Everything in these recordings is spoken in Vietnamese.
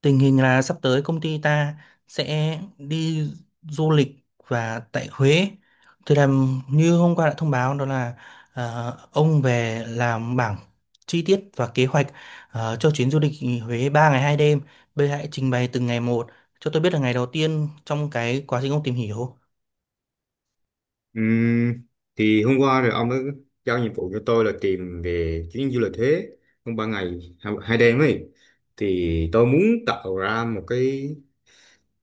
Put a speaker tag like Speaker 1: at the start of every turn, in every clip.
Speaker 1: Tình hình là sắp tới công ty ta sẽ đi du lịch và tại Huế. Thì làm như hôm qua đã thông báo, đó là ông về làm bảng chi tiết và kế hoạch cho chuyến du lịch Huế 3 ngày 2 đêm. Bây giờ hãy trình bày từng ngày một cho tôi biết là ngày đầu tiên trong cái quá trình ông tìm hiểu.
Speaker 2: Ừm, thì hôm qua rồi ông ấy giao nhiệm vụ cho tôi là tìm về chuyến du lịch Huế trong 3 ngày hai hai đêm ấy, thì tôi muốn tạo ra một cái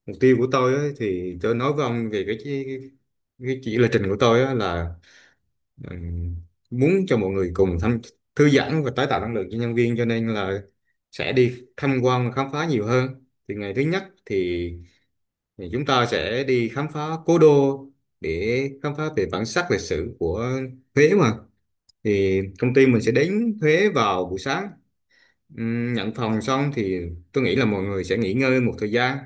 Speaker 2: mục tiêu của tôi ấy, thì tôi nói với ông về cái chỉ là trình của tôi á là ừm, muốn cho mọi người cùng thăm, thư giãn và tái tạo năng lượng cho nhân viên, cho nên là sẽ đi tham quan và khám phá nhiều hơn. Thì ngày thứ nhất thì chúng ta sẽ đi khám phá cố đô, để khám phá về bản sắc lịch sử của Huế mà. Thì công ty mình sẽ đến Huế vào buổi sáng. Nhận phòng xong thì tôi nghĩ là mọi người sẽ nghỉ ngơi một thời gian.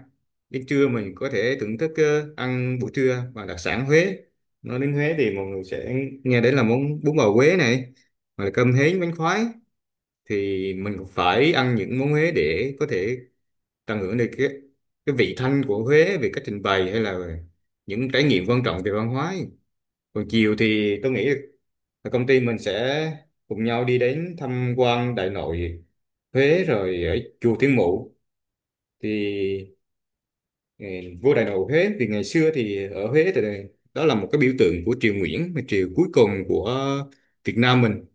Speaker 2: Đến trưa mình có thể thưởng thức ăn buổi trưa và đặc sản Huế. Nói đến Huế thì mọi người sẽ nghe đến là món bún bò Huế này, hoặc là cơm hến, bánh khoái. Thì mình cũng phải ăn những món Huế để có thể tận hưởng được cái vị thanh của Huế, về cách trình bày hay là những trải nghiệm quan trọng về văn hóa ấy. Còn chiều thì tôi nghĩ là công ty mình sẽ cùng nhau đi đến tham quan Đại Nội Huế rồi ở chùa Thiên Mụ. Thì ừ, vua Đại Nội Huế thì ngày xưa thì ở Huế thì đó là một cái biểu tượng của triều Nguyễn, mà triều cuối cùng của Việt Nam mình,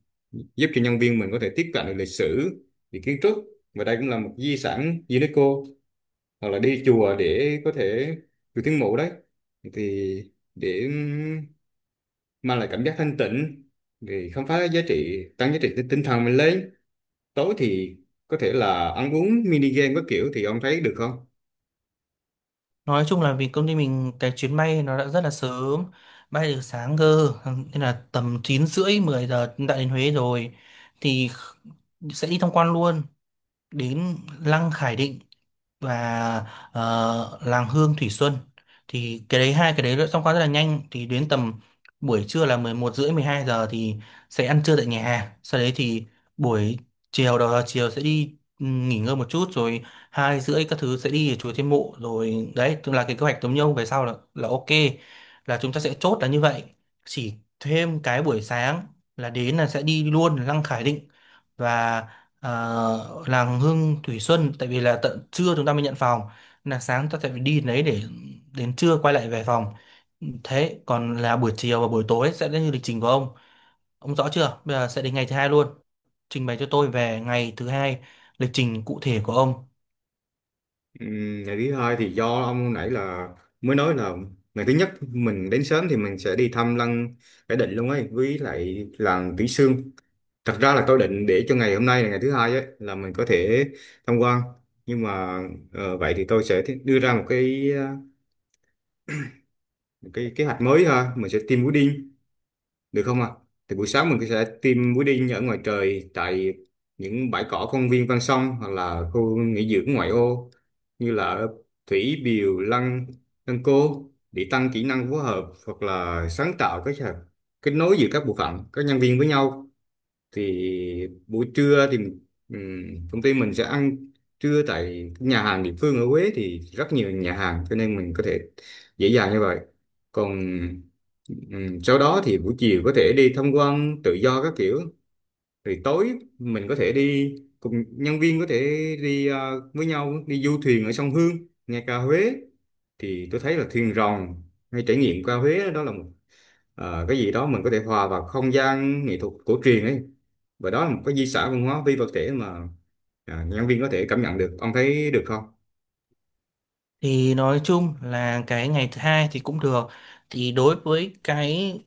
Speaker 2: giúp cho nhân viên mình có thể tiếp cận được lịch sử về kiến trúc, và đây cũng là một di sản UNESCO. Hoặc là đi chùa để có thể được tiếng mộ đấy, thì để mang lại cảm giác thanh tịnh, để khám phá giá trị, tăng giá trị tinh tinh thần mình lên. Tối thì có thể là ăn uống, mini game các kiểu, thì ông thấy được không?
Speaker 1: Nói chung là vì công ty mình cái chuyến bay nó đã rất là sớm, bay từ sáng cơ, nên là tầm 9 rưỡi 10 giờ đã đến Huế rồi, thì sẽ đi tham quan luôn, đến Lăng Khải Định và Làng Hương Thủy Xuân. Thì cái đấy, hai cái đấy đã xong qua rất là nhanh, thì đến tầm buổi trưa là 11 rưỡi 12 giờ thì sẽ ăn trưa tại nhà hàng. Sau đấy thì buổi chiều, đầu giờ chiều sẽ đi nghỉ ngơi một chút, rồi 2 rưỡi các thứ sẽ đi ở chùa Thiên Mụ rồi đấy, tức là cái kế hoạch giống nhau về sau là ok, là chúng ta sẽ chốt là như vậy, chỉ thêm cái buổi sáng là đến là sẽ đi luôn Lăng Khải Định và à, làng Hương Thủy Xuân, tại vì là tận trưa chúng ta mới nhận phòng, là sáng ta sẽ phải đi đến đấy để đến trưa quay lại về phòng. Thế còn là buổi chiều và buổi tối sẽ đến như lịch trình của ông. Ông rõ chưa? Bây giờ sẽ đến ngày thứ hai luôn, trình bày cho tôi về ngày thứ hai, lịch trình cụ thể của ông.
Speaker 2: Ngày thứ hai thì do ông hồi nãy là mới nói là ngày thứ nhất mình đến sớm thì mình sẽ đi thăm lăng Khải Định luôn ấy, với lại làng Kỹ Xương. Thật ra là tôi định để cho ngày hôm nay là ngày thứ hai ấy là mình có thể tham quan, nhưng mà vậy thì tôi sẽ đưa ra một cái một cái kế hoạch mới ha. Mình sẽ tiêm mũi đinh được không ạ? Thì buổi sáng mình sẽ tiêm mũi đinh ở ngoài trời, tại những bãi cỏ công viên ven sông, hoặc là khu nghỉ dưỡng ngoại ô như là ở Thủy Biều, Lăng Lăng Cô, để tăng kỹ năng phối hợp hoặc là sáng tạo, cái kết nối giữa các bộ phận, các nhân viên với nhau. Thì buổi trưa thì công ty mình sẽ ăn trưa tại nhà hàng địa phương ở Huế, thì rất nhiều nhà hàng cho nên mình có thể dễ dàng như vậy. Còn sau đó thì buổi chiều có thể đi tham quan tự do các kiểu, rồi tối mình có thể đi cùng nhân viên, có thể đi với nhau đi du thuyền ở sông Hương nghe ca Huế. Thì tôi thấy là thuyền rồng hay trải nghiệm ca Huế đó là một cái gì đó mình có thể hòa vào không gian nghệ thuật cổ truyền ấy, và đó là một cái di sản văn hóa phi vật thể mà nhân viên có thể cảm nhận được. Ông thấy được không?
Speaker 1: Thì nói chung là cái ngày thứ hai thì cũng được. Thì đối với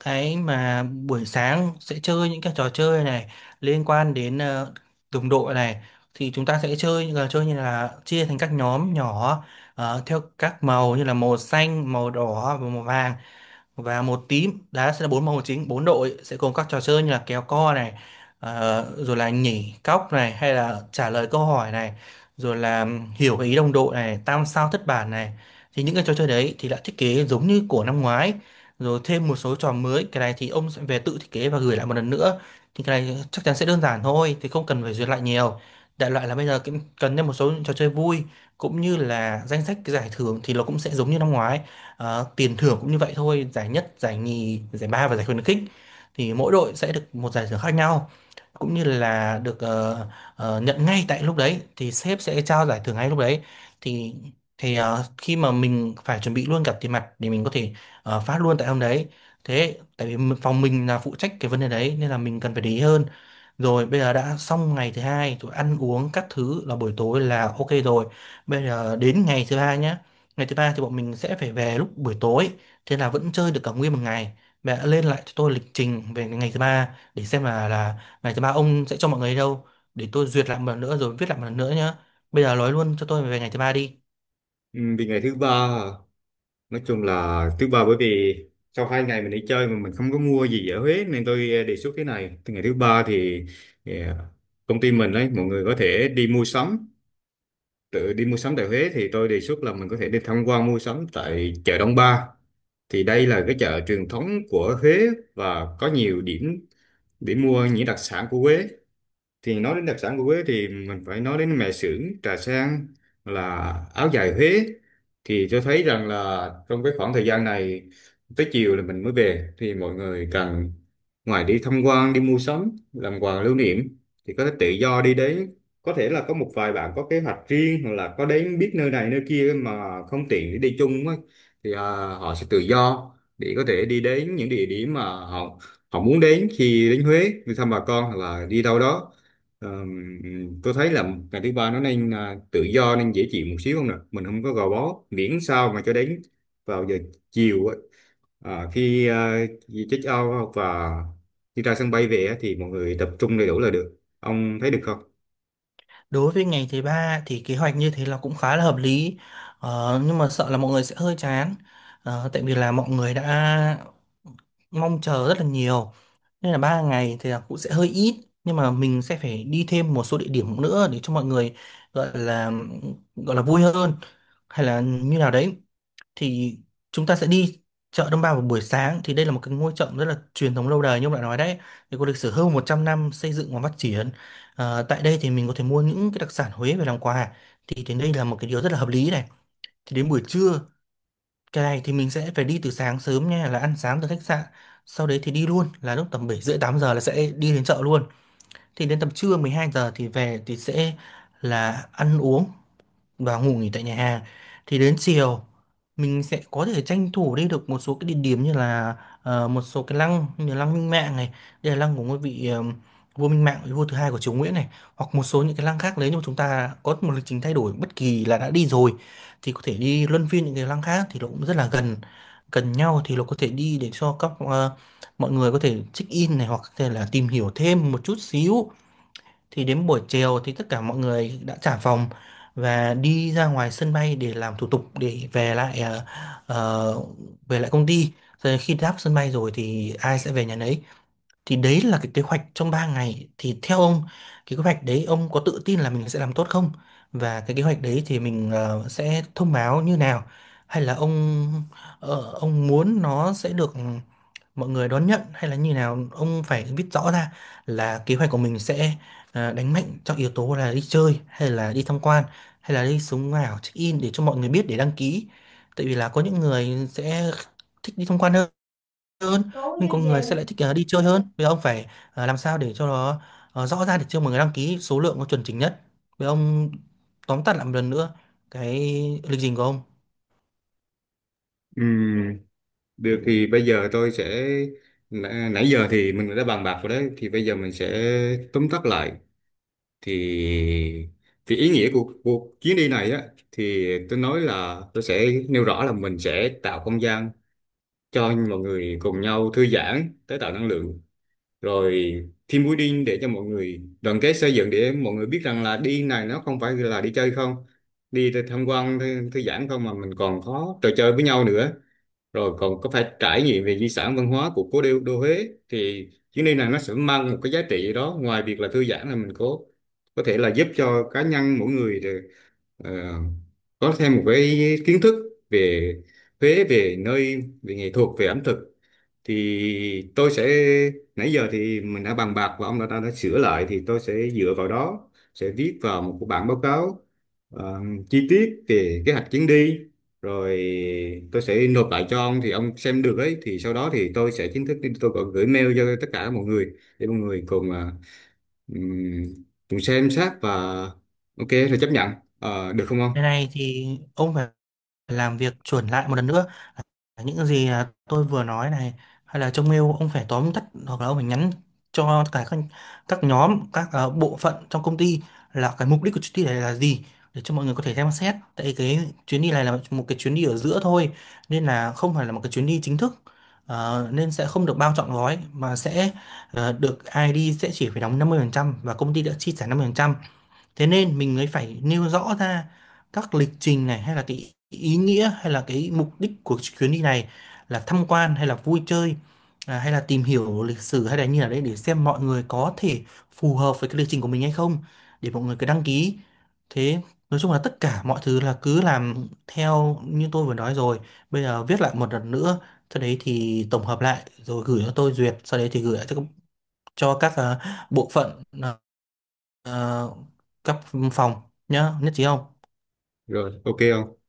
Speaker 1: cái mà buổi sáng sẽ chơi những cái trò chơi này liên quan đến đồng đội này, thì chúng ta sẽ chơi những trò chơi như là chia thành các nhóm nhỏ, theo các màu như là màu xanh, màu đỏ và màu vàng, và một tím đá, sẽ là 4 môn chính 4 đội sẽ gồm các trò chơi như là kéo co này, rồi là nhảy cóc này, hay là trả lời câu hỏi này, rồi là hiểu cái ý đồng đội này, tam sao thất bản này. Thì những cái trò chơi đấy thì đã thiết kế giống như của năm ngoái, rồi thêm một số trò mới. Cái này thì ông sẽ về tự thiết kế và gửi lại một lần nữa. Thì cái này chắc chắn sẽ đơn giản thôi, thì không cần phải duyệt lại nhiều. Đại loại là bây giờ cũng cần thêm một số trò chơi vui, cũng như là danh sách cái giải thưởng thì nó cũng sẽ giống như năm ngoái. Ờ, tiền thưởng cũng như vậy thôi, giải nhất, giải nhì, giải ba và giải khuyến khích, thì mỗi đội sẽ được một giải thưởng khác nhau, cũng như là được nhận ngay tại lúc đấy, thì sếp sẽ trao giải thưởng ngay lúc đấy. Thì thì ờ, khi mà mình phải chuẩn bị luôn cả tiền mặt để mình có thể phát luôn tại hôm đấy. Thế tại vì phòng mình là phụ trách cái vấn đề đấy nên là mình cần phải để ý hơn. Rồi bây giờ đã xong ngày thứ hai, tụi ăn uống các thứ là buổi tối là ok rồi. Bây giờ đến ngày thứ ba nhé. Ngày thứ ba thì bọn mình sẽ phải về lúc buổi tối, thế là vẫn chơi được cả nguyên một ngày. Mẹ đã lên lại cho tôi lịch trình về ngày thứ ba để xem là ngày thứ ba ông sẽ cho mọi người đi đâu, để tôi duyệt lại một lần nữa rồi viết lại một lần nữa nhé. Bây giờ nói luôn cho tôi về ngày thứ ba đi.
Speaker 2: Ừ, Vì ngày thứ ba à, nói chung là thứ ba, bởi vì sau hai ngày mình đi chơi mà mình không có mua gì ở Huế, nên tôi đề xuất thế này. Từ ngày thứ ba thì công ty mình đấy, mọi người có thể đi mua sắm, tự đi mua sắm tại Huế. Thì tôi đề xuất là mình có thể đi tham quan mua sắm tại chợ Đông Ba. Thì đây là cái chợ truyền thống của Huế, và có nhiều điểm để mua những đặc sản của Huế. Thì nói đến đặc sản của Huế thì mình phải nói đến mè xưởng, trà sen, là áo dài Huế. Thì tôi thấy rằng là trong cái khoảng thời gian này, tới chiều là mình mới về, thì mọi người cần, ngoài đi tham quan, đi mua sắm làm quà lưu niệm, thì có thể tự do đi đến. Có thể là có một vài bạn có kế hoạch riêng, hoặc là có đến biết nơi này nơi kia mà không tiện để đi chung á, thì họ sẽ tự do để có thể đi đến những địa điểm mà họ họ muốn đến, khi đến Huế đi thăm bà con hoặc là đi đâu đó. Ờm, tôi thấy là ngày thứ ba nó nên à, tự do, nên dễ chịu một xíu, không nè mình không có gò bó, miễn sao mà cho đến vào giờ chiều á, à, khi à, check out và đi ra sân bay về á, thì mọi người tập trung đầy đủ là được. Ông thấy được không?
Speaker 1: Đối với ngày thứ ba thì kế hoạch như thế là cũng khá là hợp lý, ờ, nhưng mà sợ là mọi người sẽ hơi chán, ờ, tại vì là mọi người đã mong chờ rất là nhiều. Nên là 3 ngày thì là cũng sẽ hơi ít, nhưng mà mình sẽ phải đi thêm một số địa điểm nữa để cho mọi người gọi là gọi là vui hơn hay là như nào đấy. Thì chúng ta sẽ đi chợ Đông Ba vào buổi sáng, thì đây là một cái ngôi chợ rất là truyền thống lâu đời như ông đã nói đấy, thì có lịch sử hơn 100 năm xây dựng và phát triển. Ờ, tại đây thì mình có thể mua những cái đặc sản Huế về làm quà, thì đến đây là một cái điều rất là hợp lý này. Thì đến buổi trưa, cái này thì mình sẽ phải đi từ sáng sớm nha, là ăn sáng từ khách sạn sau đấy thì đi luôn, là lúc tầm 7 rưỡi 8 giờ là sẽ đi đến chợ luôn. Thì đến tầm trưa 12 giờ thì về, thì sẽ là ăn uống và ngủ nghỉ tại nhà hàng. Thì đến chiều mình sẽ có thể tranh thủ đi được một số cái địa điểm, như là một số cái lăng như là lăng Minh Mạng này, đây là lăng của ngôi vị vua Minh Mạng, vị vua thứ hai của Triều Nguyễn này, hoặc một số những cái lăng khác nếu như chúng ta có một lịch trình thay đổi bất kỳ là đã đi rồi, thì có thể đi luân phiên những cái lăng khác thì nó cũng rất là gần, gần nhau, thì nó có thể đi để cho các mọi người có thể check in này, hoặc có thể là tìm hiểu thêm một chút xíu. Thì đến buổi chiều thì tất cả mọi người đã trả phòng và đi ra ngoài sân bay để làm thủ tục để về lại, ờ, về lại công ty. Rồi khi đáp sân bay rồi thì ai sẽ về nhà nấy. Thì đấy là cái kế hoạch trong 3 ngày. Thì theo ông, cái kế hoạch đấy ông có tự tin là mình sẽ làm tốt không? Và cái kế hoạch đấy thì mình sẽ thông báo như nào? Hay là ông muốn nó sẽ được mọi người đón nhận hay là như nào, ông phải viết rõ ra là kế hoạch của mình sẽ đánh mạnh trong yếu tố là đi chơi hay là đi tham quan, hay là đi sống ảo check in, để cho mọi người biết để đăng ký. Tại vì là có những người sẽ thích đi tham quan hơn hơn,
Speaker 2: Trốn
Speaker 1: nhưng
Speaker 2: chứ
Speaker 1: có
Speaker 2: về
Speaker 1: người sẽ lại
Speaker 2: luôn.
Speaker 1: thích đi chơi hơn. Bây giờ ông phải làm sao để cho nó rõ ra để cho mọi người đăng ký số lượng nó chuẩn chỉnh nhất. Bây giờ ông tóm tắt lại một lần nữa cái lịch trình của ông.
Speaker 2: Ừm, Được, thì bây giờ tôi sẽ, nãy nãy giờ thì mình đã bàn bạc rồi đấy, thì bây giờ mình sẽ tóm tắt lại. Thì ý nghĩa của cuộc chuyến đi này á, thì tôi nói là tôi sẽ nêu rõ là mình sẽ tạo không gian cho mọi người cùng nhau thư giãn, tái tạo năng lượng, rồi team building để cho mọi người đoàn kết xây dựng, để mọi người biết rằng là đi này nó không phải là đi chơi không, đi để tham quan thư giãn không, mà mình còn có trò chơi với nhau nữa, rồi còn có phải trải nghiệm về di sản văn hóa của cố đô, Huế. Thì chuyến đi này nó sẽ mang một cái giá trị gì đó, ngoài việc là thư giãn là mình có thể là giúp cho cá nhân mỗi người được, ờ, có thêm một cái kiến thức về Huế, về nơi, về nghệ thuật, về ẩm thực. Thì tôi sẽ, nãy giờ thì mình đã bàn bạc và ông đã sửa lại, thì tôi sẽ dựa vào đó sẽ viết vào một cái bản báo cáo ờ, chi tiết về kế hoạch chuyến đi, rồi tôi sẽ nộp lại cho ông thì ông xem được ấy. Thì sau đó thì tôi sẽ chính thức đi, tôi còn gửi mail cho tất cả mọi người để mọi người cùng ừm, cùng xem xét, và ok rồi chấp nhận. Ờ, được không
Speaker 1: Cái
Speaker 2: ông?
Speaker 1: này thì ông phải làm việc chuẩn lại một lần nữa những gì tôi vừa nói này. Hay là trong mail ông phải tóm tắt, hoặc là ông phải nhắn cho tất cả các nhóm, các bộ phận trong công ty là cái mục đích của chuyến đi này là gì, để cho mọi người có thể xem xét. Tại cái chuyến đi này là một cái chuyến đi ở giữa thôi, nên là không phải là một cái chuyến đi chính thức. Ờ, nên sẽ không được bao trọn gói mà sẽ, được ai đi sẽ chỉ phải đóng 50% và công ty đã chi trả 50%. Thế nên mình mới phải nêu rõ ra các lịch trình này, hay là cái ý nghĩa, hay là cái mục đích của chuyến đi này là tham quan hay là vui chơi, hay là tìm hiểu lịch sử, hay là như là đấy, để xem mọi người có thể phù hợp với cái lịch trình của mình hay không, để mọi người cứ đăng ký. Thế nói chung là tất cả mọi thứ là cứ làm theo như tôi vừa nói rồi. Bây giờ viết lại một lần nữa, sau đấy thì tổng hợp lại rồi gửi cho tôi duyệt, sau đấy thì gửi lại cho các bộ phận, Ờ, cấp phòng, nhá, nhất trí không?
Speaker 2: Rồi, ok không?